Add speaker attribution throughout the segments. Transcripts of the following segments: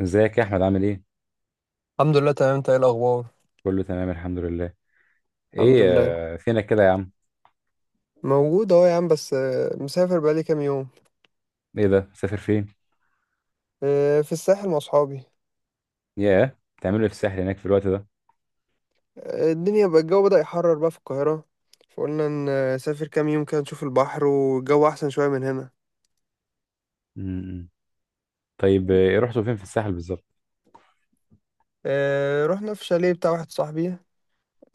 Speaker 1: ازيك يا احمد، عامل ايه؟
Speaker 2: الحمد لله، تمام. انت ايه الاخبار؟
Speaker 1: كله تمام الحمد لله.
Speaker 2: الحمد
Speaker 1: ايه؟
Speaker 2: لله.
Speaker 1: فينك كده يا عم؟
Speaker 2: موجود اهو يا عم، بس مسافر بقالي كام يوم.
Speaker 1: ايه ده، مسافر فين؟
Speaker 2: في الساحل مع اصحابي.
Speaker 1: ياه، بتعملوا ايه في الساحل هناك في الوقت ده؟
Speaker 2: الدنيا بقى، الجو بدأ يحرر بقى في القاهرة. فقلنا نسافر كام يوم كده نشوف البحر والجو احسن شوية من هنا.
Speaker 1: امم طيب، ايه رحتوا فين في الساحل بالظبط؟
Speaker 2: رحنا في شاليه بتاع واحد صاحبي.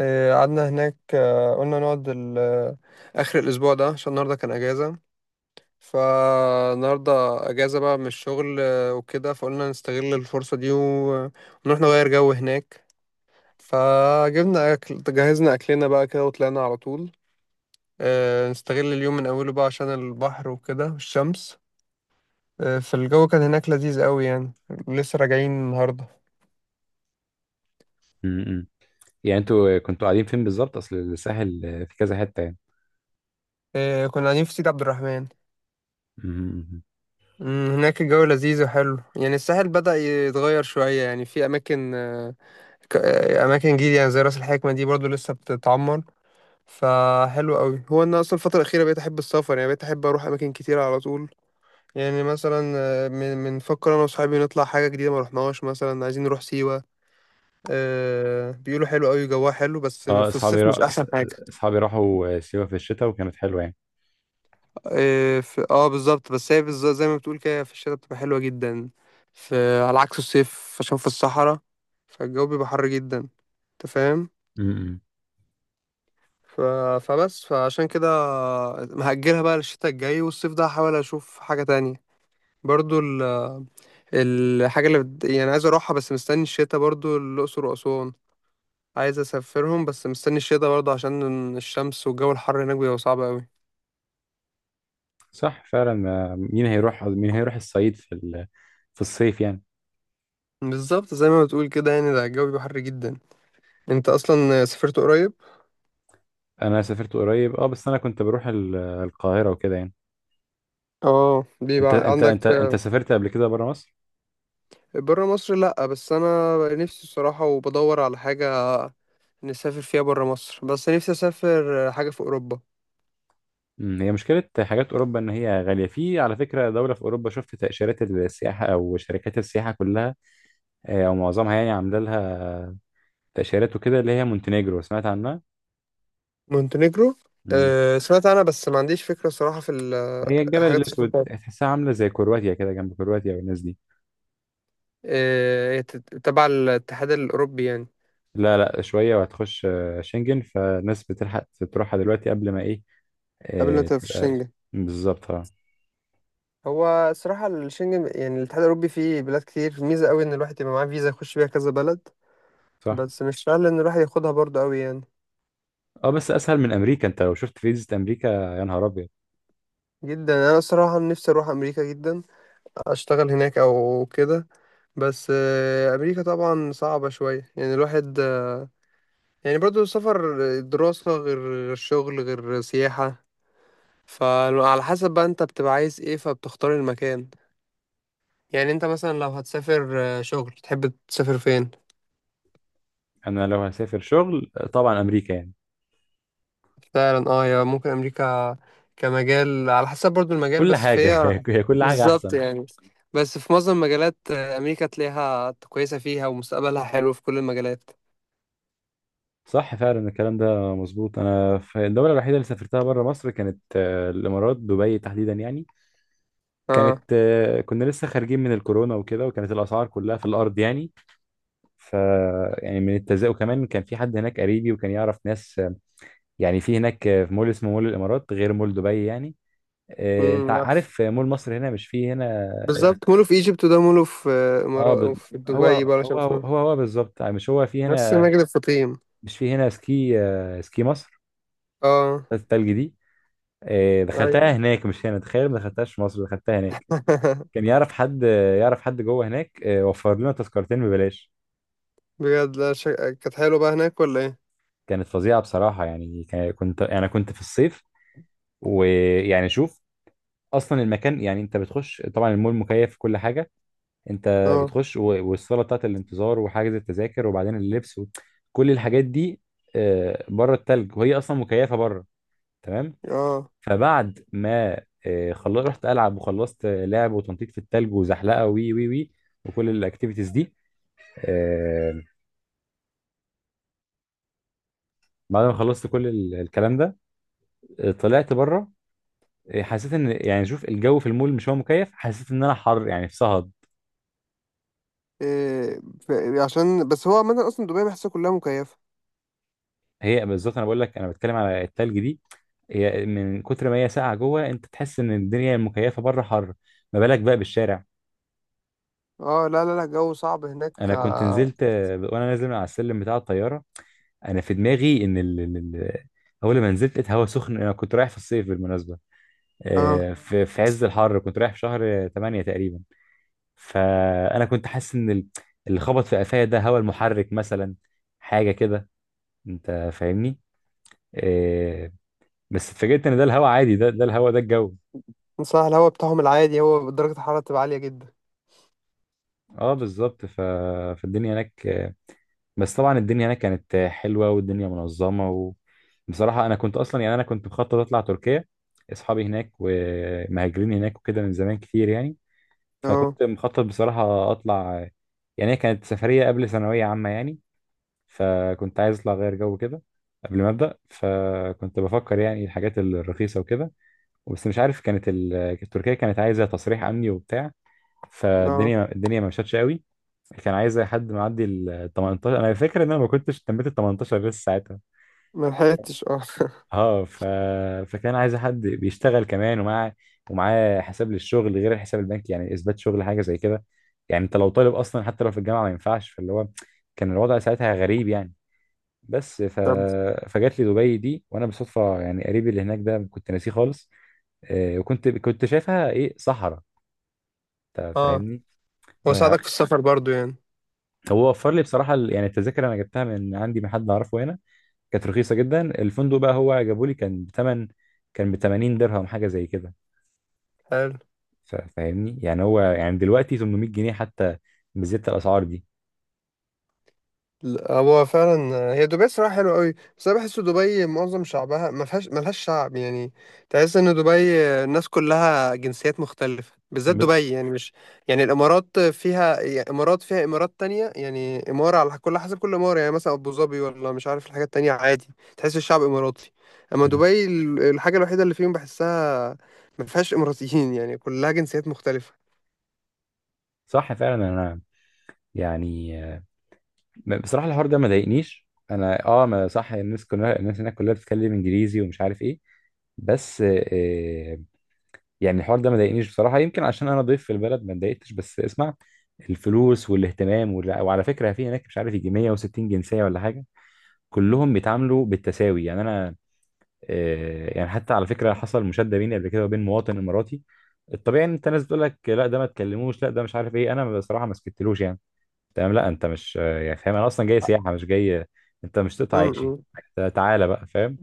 Speaker 2: قعدنا هناك. آه، قلنا نقعد ال- آه، اخر الاسبوع ده عشان النهارده كان اجازة. فالنهارده اجازة بقى من الشغل، وكده فقلنا نستغل الفرصة دي ونروح نغير جو هناك. فجبنا أكل، جهزنا أكلنا بقى كده وطلعنا على طول، نستغل اليوم من أوله بقى عشان البحر وكده والشمس. فالجو كان هناك لذيذ قوي يعني. لسه راجعين النهاردة.
Speaker 1: امم. يعني انتوا كنتوا قاعدين فين بالظبط؟ اصل الساحل في كذا حتة يعني.
Speaker 2: كنا قاعدين في سيدي عبد الرحمن.
Speaker 1: امم.
Speaker 2: مم، هناك الجو لذيذ وحلو يعني. الساحل بدأ يتغير شوية يعني، في أماكن أماكن جديدة يعني زي رأس الحكمة دي برضو لسه بتتعمر. فحلو قوي. هو أنا أصلا الفترة الأخيرة بقيت أحب السفر يعني، بقيت أحب أروح أماكن كتيرة على طول. يعني مثلا من بنفكر انا وصحابي نطلع حاجه جديده ما رحناهاش، مثلا عايزين نروح سيوه. بيقولوا حلو قوي جواها، حلو بس
Speaker 1: اه،
Speaker 2: في الصيف مش احسن حاجه.
Speaker 1: اصحابي راحوا سيوة في الشتاء وكانت حلوة يعني.
Speaker 2: اه، في... آه بالظبط، بس هي بالظبط زي ما بتقول كده، في الشتاء بتبقى حلوه جدا، على عكس الصيف عشان في الصحراء. فالجو بيبقى حر جدا. انت فاهم.
Speaker 1: امم.
Speaker 2: ف... فبس فعشان كده مهجلها بقى للشتاء الجاي، والصيف ده هحاول اشوف حاجه تانية. برضو ال... الحاجه اللي بت... يعني عايز اروحها بس مستني الشتاء، برضو الاقصر واسوان عايز اسافرهم، بس مستني الشتا برضه عشان الشمس والجو الحر هناك بيبقى صعب قوي.
Speaker 1: صح فعلا، مين هيروح الصعيد في الصيف يعني؟
Speaker 2: بالظبط زي ما بتقول كده، يعني ده الجو بيبقى حر جدا. انت اصلا سافرت قريب؟
Speaker 1: انا سافرت قريب اه، بس انا كنت بروح القاهرة وكده يعني.
Speaker 2: اه
Speaker 1: انت
Speaker 2: بيبقى
Speaker 1: انت
Speaker 2: عندك.
Speaker 1: انت انت سافرت قبل كده بره مصر؟
Speaker 2: بره مصر؟ لا، بس انا نفسي الصراحه وبدور على حاجه نسافر فيها بره مصر، بس نفسي اسافر حاجه في اوروبا.
Speaker 1: هي مشكله. حاجات اوروبا ان هي غاليه. في على فكره دوله في اوروبا، شفت تاشيرات السياحه او شركات السياحه كلها او معظمها يعني عامله لها تاشيرات وكده، اللي هي مونتينيجرو، سمعت عنها؟
Speaker 2: مونتينيجرو؟
Speaker 1: امم.
Speaker 2: أه سمعت عنها بس ما عنديش فكره صراحه في الحاجات
Speaker 1: هي الجبل
Speaker 2: السفر
Speaker 1: الاسود،
Speaker 2: بتاعتها.
Speaker 1: تحسها عامله زي كرواتيا كده، جنب كرواتيا والناس دي.
Speaker 2: أه، هي تبع الاتحاد الاوروبي يعني.
Speaker 1: لا، شويه وهتخش شنجن، فالناس بتلحق تروحها دلوقتي قبل ما ايه
Speaker 2: قبل ما تبقى في
Speaker 1: تبقى.
Speaker 2: الشنجن.
Speaker 1: بالظبط اه.
Speaker 2: هو صراحة الشنجن، يعني الاتحاد الأوروبي، فيه بلاد كتير، ميزة قوي إن الواحد يبقى معاه فيزا يخش بيها كذا بلد.
Speaker 1: صح.
Speaker 2: بس مش سهل إن الواحد ياخدها برضه قوي يعني.
Speaker 1: اه، بس اسهل من امريكا، انت لو شفت فيزا امريكا يا نهار ابيض.
Speaker 2: جدا. أنا الصراحة نفسي أروح أمريكا جدا، أشتغل هناك أو كده. بس أمريكا طبعا صعبة شوية يعني، الواحد يعني برضه السفر دراسة غير شغل غير سياحة. فعلى حسب بقى أنت بتبقى عايز إيه، فبتختار المكان. يعني أنت مثلا لو هتسافر شغل، تحب تسافر فين؟
Speaker 1: انا لو هسافر شغل طبعا امريكا يعني.
Speaker 2: فعلا اه، يا ممكن امريكا كمجال، على حسب برضو المجال،
Speaker 1: كل
Speaker 2: بس
Speaker 1: حاجه
Speaker 2: فهي
Speaker 1: هي كل حاجه
Speaker 2: بالظبط
Speaker 1: احسن.
Speaker 2: يعني. بس في معظم المجالات امريكا تلاقيها كويسه فيها، ومستقبلها حلو في كل المجالات.
Speaker 1: صح فعلا، الكلام ده مظبوط. انا، في الدوله الوحيده اللي سافرتها بره مصر كانت الامارات، دبي تحديدا يعني.
Speaker 2: اه.
Speaker 1: كانت كنا لسه خارجين من الكورونا وكده، وكانت الاسعار كلها في الارض يعني. ف يعني من التزاؤم، وكمان كان في حد هناك قريبي وكان يعرف ناس يعني في هناك في مول اسمه مول الامارات غير مول دبي يعني. انت
Speaker 2: امم. نفس.
Speaker 1: عارف مول مصر هنا؟ مش فيه هنا.
Speaker 2: بالظبط، مولو في ايجيبت، وده مولو في
Speaker 1: اه
Speaker 2: امارات
Speaker 1: ب...
Speaker 2: وفي
Speaker 1: هو
Speaker 2: دبي بقى عشان
Speaker 1: هو
Speaker 2: اسمه.
Speaker 1: هو هو بالظبط، مش هو في
Speaker 2: نفس
Speaker 1: هنا؟
Speaker 2: مجد الفطيم.
Speaker 1: مش في هنا سكي سكي مصر
Speaker 2: اه.
Speaker 1: بتاعت التلج دي.
Speaker 2: ايوه.
Speaker 1: دخلتها هناك مش هنا، تخيل! ما دخلتهاش في مصر، دخلتها هناك. كان يعرف حد يعرف حد جوه هناك، وفر لنا تذكرتين ببلاش.
Speaker 2: بجد لا شك... كانت حلوه بقى هناك ولا ايه؟
Speaker 1: كانت فظيعة بصراحة يعني. كنت يعني كنت في الصيف، ويعني شوف، اصلا المكان يعني انت بتخش. طبعا المول مكيف في كل حاجة. انت
Speaker 2: اه.
Speaker 1: بتخش والصالة بتاعت الانتظار وحجز التذاكر وبعدين اللبس كل الحاجات دي، بره التلج وهي اصلا مكيفة بره. تمام.
Speaker 2: اه.
Speaker 1: فبعد ما خلص، رحت العب، وخلصت لعب وتنطيط في التلج وزحلقه وي وي وي، وكل الاكتيفيتيز دي. آه، بعد ما خلصت كل الكلام ده، طلعت بره. حسيت ان يعني شوف، الجو في المول مش هو مكيف؟ حسيت ان انا حر يعني، في صهد.
Speaker 2: إيه... عشان بس هو عامة اصلا دبي بحسها كلها مكيفه.
Speaker 1: هي بالظبط، انا بقول لك انا بتكلم على التلج دي. هي من كتر ما هي ساقعه جوه، انت تحس ان الدنيا المكيفه بره حر، ما بالك بقى بالشارع.
Speaker 2: اه لا لا لا، الجو صعب هناك
Speaker 1: انا كنت
Speaker 2: اه.
Speaker 1: نزلت وانا نازل من على السلم بتاع الطياره، انا في دماغي ان اول ما نزلت لقيت هوا سخن. انا كنت رايح في الصيف بالمناسبه،
Speaker 2: آه.
Speaker 1: في عز الحر، كنت رايح في شهر 8 تقريبا. فانا كنت حاسس ان اللي خبط في قفايا ده هوا المحرك مثلا، حاجه كده، انت فاهمني؟ آه، بس اتفاجئت ان ده الهوا عادي، ده الهوا ده الجو.
Speaker 2: صح، الهوا بتاعهم العادي، هو درجة الحرارة بتبقى عالية جدا.
Speaker 1: اه بالظبط. فالدنيا هناك، بس طبعا الدنيا هناك كانت حلوه والدنيا منظمه. وبصراحه انا كنت اصلا يعني انا كنت مخطط اطلع تركيا. اصحابي هناك ومهاجرين هناك وكده من زمان كتير يعني.
Speaker 2: اه.
Speaker 1: فكنت مخطط بصراحه اطلع يعني. هي كانت سفريه قبل ثانويه عامه يعني، فكنت عايز اطلع غير جو كده قبل ما ابدا. فكنت بفكر يعني الحاجات الرخيصه وكده. بس مش عارف، كانت تركيا كانت عايزه تصريح امني وبتاع.
Speaker 2: اه
Speaker 1: فالدنيا ما مشتش قوي. كان عايز اي حد معدي ال 18، انا فاكر ان انا ما كنتش تميت ال 18 لسه ساعتها.
Speaker 2: ملحقتش اه
Speaker 1: اه. فكان عايز حد بيشتغل كمان، ومعاه حساب للشغل غير الحساب البنكي، يعني اثبات شغل حاجه زي كده. يعني انت لو طالب اصلا حتى لو في الجامعه ما ينفعش، فاللي هو كان الوضع ساعتها غريب يعني. بس
Speaker 2: طب.
Speaker 1: فجات لي دبي دي، وانا بالصدفه يعني قريبي اللي هناك ده كنت ناسيه خالص. وكنت شايفها ايه؟ صحراء، انت
Speaker 2: اه.
Speaker 1: فاهمني.
Speaker 2: وساعدك في السفر برضو يعني.
Speaker 1: هو وفر لي بصراحه يعني التذاكر انا جبتها من عندي من حد اعرفه هنا، كانت رخيصه جدا. الفندق بقى هو جابوا لي، كان بتمن، كان ب 80 درهم حاجه زي كده.
Speaker 2: حلو.
Speaker 1: فاهمني يعني، هو يعني دلوقتي 800 جنيه حتى، بزيادة الاسعار دي.
Speaker 2: لا، هو فعلا، هي دبي صراحة حلوة قوي، بس انا بحس دبي معظم شعبها ما فيهاش، ملهاش شعب يعني. تحس ان دبي الناس كلها جنسيات مختلفة، بالذات
Speaker 1: ب...
Speaker 2: دبي يعني مش... يعني الامارات فيها، يعني امارات فيها امارات تانية يعني، امارة على كل حسب، كل امارة يعني، مثلا ابو ظبي ولا مش عارف الحاجات التانية، عادي تحس الشعب اماراتي. اما
Speaker 1: مم.
Speaker 2: دبي الحاجة الوحيدة اللي فيهم بحسها ما فيهاش اماراتيين يعني كلها جنسيات مختلفة.
Speaker 1: صح فعلا انا يعني، بصراحه الحوار ده ما ضايقنيش انا اه. ما صح، الناس كلها، الناس هناك كلها بتتكلم انجليزي ومش عارف ايه، بس يعني الحوار ده ما ضايقنيش بصراحه. يمكن عشان انا ضيف في البلد ما اتضايقتش، بس اسمع، الفلوس والاهتمام وعلى فكره في هناك مش عارف يجي 160 جنسيه ولا حاجه. كلهم بيتعاملوا بالتساوي يعني. انا يعني حتى على فكره حصل مشاده بيني قبل كده وبين مواطن اماراتي. الطبيعي ان انت، ناس بتقول لك لا ده ما تكلموش، لا ده مش عارف ايه، انا بصراحه ما سكتلوش يعني. تمام لا، انت مش يعني فاهم، انا اصلا جاي سياحه مش جاي، انت مش تقطع عيشي.
Speaker 2: امم.
Speaker 1: تعالى بقى فاهم.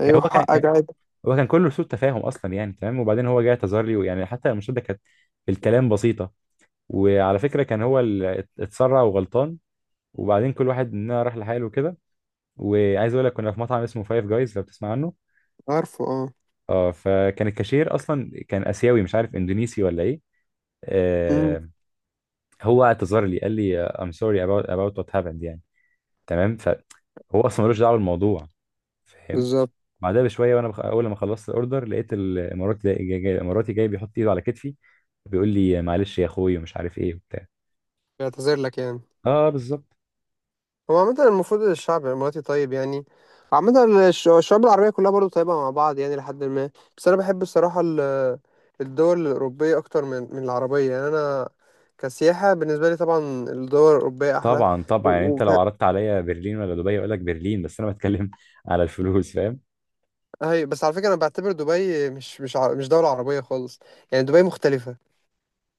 Speaker 1: كان
Speaker 2: ايوه
Speaker 1: هو كان
Speaker 2: حقك،
Speaker 1: كان-
Speaker 2: عادي.
Speaker 1: هو كان كله سوء تفاهم اصلا يعني. تمام. وبعدين هو جاي اعتذر لي، ويعني حتى المشاده كانت الكلام بسيطه. وعلى فكره كان هو اللي اتسرع وغلطان، وبعدين كل واحد مننا راح لحاله كده. وعايز اقول لك كنا في مطعم اسمه فايف جايز، لو بتسمع عنه.
Speaker 2: عارفه اه.
Speaker 1: اه. فكان الكاشير اصلا كان اسيوي مش عارف اندونيسي ولا ايه.
Speaker 2: امم.
Speaker 1: آه، هو اعتذر لي، قال لي I'm sorry about what happened يعني. تمام، فهو اصلا ملوش دعوه بالموضوع، فاهم.
Speaker 2: بالظبط.
Speaker 1: بعدها بشويه، وانا اول لما خلصت الاوردر، لقيت الاماراتي الاماراتي جاي بيحط ايده على كتفي، بيقول لي معلش يا اخوي ومش عارف ايه وبتاع.
Speaker 2: بيعتذر لك يعني.
Speaker 1: اه بالظبط.
Speaker 2: هو عامة المفروض الشعب الإماراتي طيب يعني، عامة الشعوب العربية كلها برضو طيبة مع بعض يعني، لحد ما... بس أنا بحب الصراحة الدول الأوروبية أكتر من العربية يعني. أنا كسياحة بالنسبة لي طبعا الدول الأوروبية أحلى.
Speaker 1: طبعا
Speaker 2: و...
Speaker 1: طبعا يعني
Speaker 2: و...
Speaker 1: انت لو عرضت عليا برلين ولا دبي، اقول لك برلين. بس انا بتكلم على الفلوس، فاهم.
Speaker 2: هي بس على فكرة أنا بعتبر دبي مش مش دولة عربية خالص، يعني دبي مختلفة.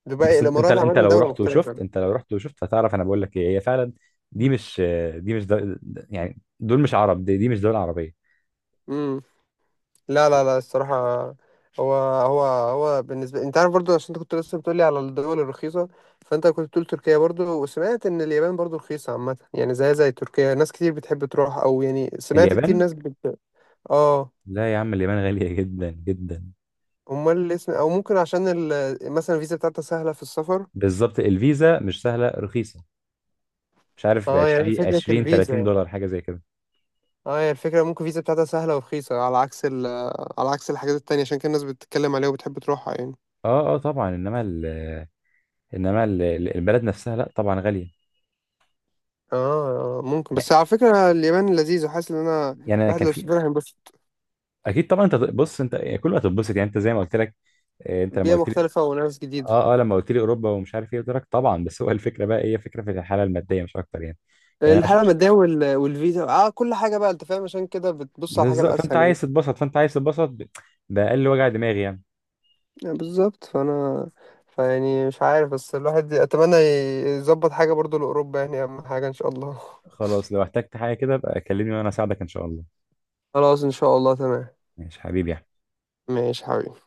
Speaker 2: دبي
Speaker 1: بص، انت انت
Speaker 2: الإمارات
Speaker 1: انت
Speaker 2: عامة
Speaker 1: لو
Speaker 2: دولة
Speaker 1: رحت وشفت،
Speaker 2: مختلفة.
Speaker 1: انت لو رحت وشفت هتعرف انا بقول لك ايه. هي فعلا دي مش دي مش دول، يعني دول مش عرب، دي، دي مش دول عربيه.
Speaker 2: امم. لا لا لا، الصراحة هو بالنسبة، انت عارف برضو عشان انت كنت لسه بتقولي على الدول الرخيصة، فانت كنت بتقول تركيا برضو، وسمعت ان اليابان برضو رخيصة عامة، يعني زي تركيا ناس كتير بتحب تروح، او يعني سمعت كتير
Speaker 1: اليابان؟
Speaker 2: ناس بت... اه،
Speaker 1: لا يا عم، اليابان غاليه جدا جدا.
Speaker 2: امال اللي اسم او ممكن عشان مثلا الفيزا بتاعتها سهلة في السفر.
Speaker 1: بالظبط، الفيزا مش سهله، رخيصه، مش عارف ب
Speaker 2: اه، يعني
Speaker 1: 20
Speaker 2: فكرة
Speaker 1: 20
Speaker 2: الفيزا
Speaker 1: 30
Speaker 2: يعني.
Speaker 1: دولار حاجه زي كده.
Speaker 2: اه، هي الفكرة ممكن الفيزا بتاعتها سهلة ورخيصة على عكس على عكس الحاجات التانية، عشان كده الناس بتتكلم عليها وبتحب تروحها يعني.
Speaker 1: اه اه طبعا. انما ال... البلد نفسها لا طبعا غاليه.
Speaker 2: اه ممكن.
Speaker 1: يعني
Speaker 2: بس على فكرة اليابان لذيذ، وحاسس ان انا
Speaker 1: يعني انا
Speaker 2: الواحد
Speaker 1: كان
Speaker 2: لو
Speaker 1: في،
Speaker 2: سافرها هينبسط.
Speaker 1: اكيد طبعا. انت بص، انت كله هتتبسط يعني، انت زي ما قلت لك. انت لما
Speaker 2: بيئة
Speaker 1: قلت لي،
Speaker 2: مختلفة وناس جديدة.
Speaker 1: اه اه، لما قلت لي اوروبا ومش عارف ايه قلت لك طبعا، بس هو الفكره بقى، هي فكره في الحاله الماديه مش اكتر يعني. يعني أنا ش-
Speaker 2: الحالة المادية والفيزا، اه كل حاجة بقى انت فاهم، عشان كده بتبص على الحاجة
Speaker 1: بالظبط. فانت
Speaker 2: الأسهل يعني.
Speaker 1: عايز تتبسط، فانت عايز تتبسط باقل وجع دماغي يعني.
Speaker 2: بالظبط. فأنا فيعني مش عارف، بس الواحد أتمنى يظبط حاجة برضو لأوروبا يعني، أهم حاجة إن شاء الله.
Speaker 1: خلاص، لو احتجت حاجه كده بقى كلمني وانا اساعدك ان شاء الله.
Speaker 2: خلاص إن شاء الله، تمام.
Speaker 1: ماشي حبيبي.
Speaker 2: ماشي حبيبي.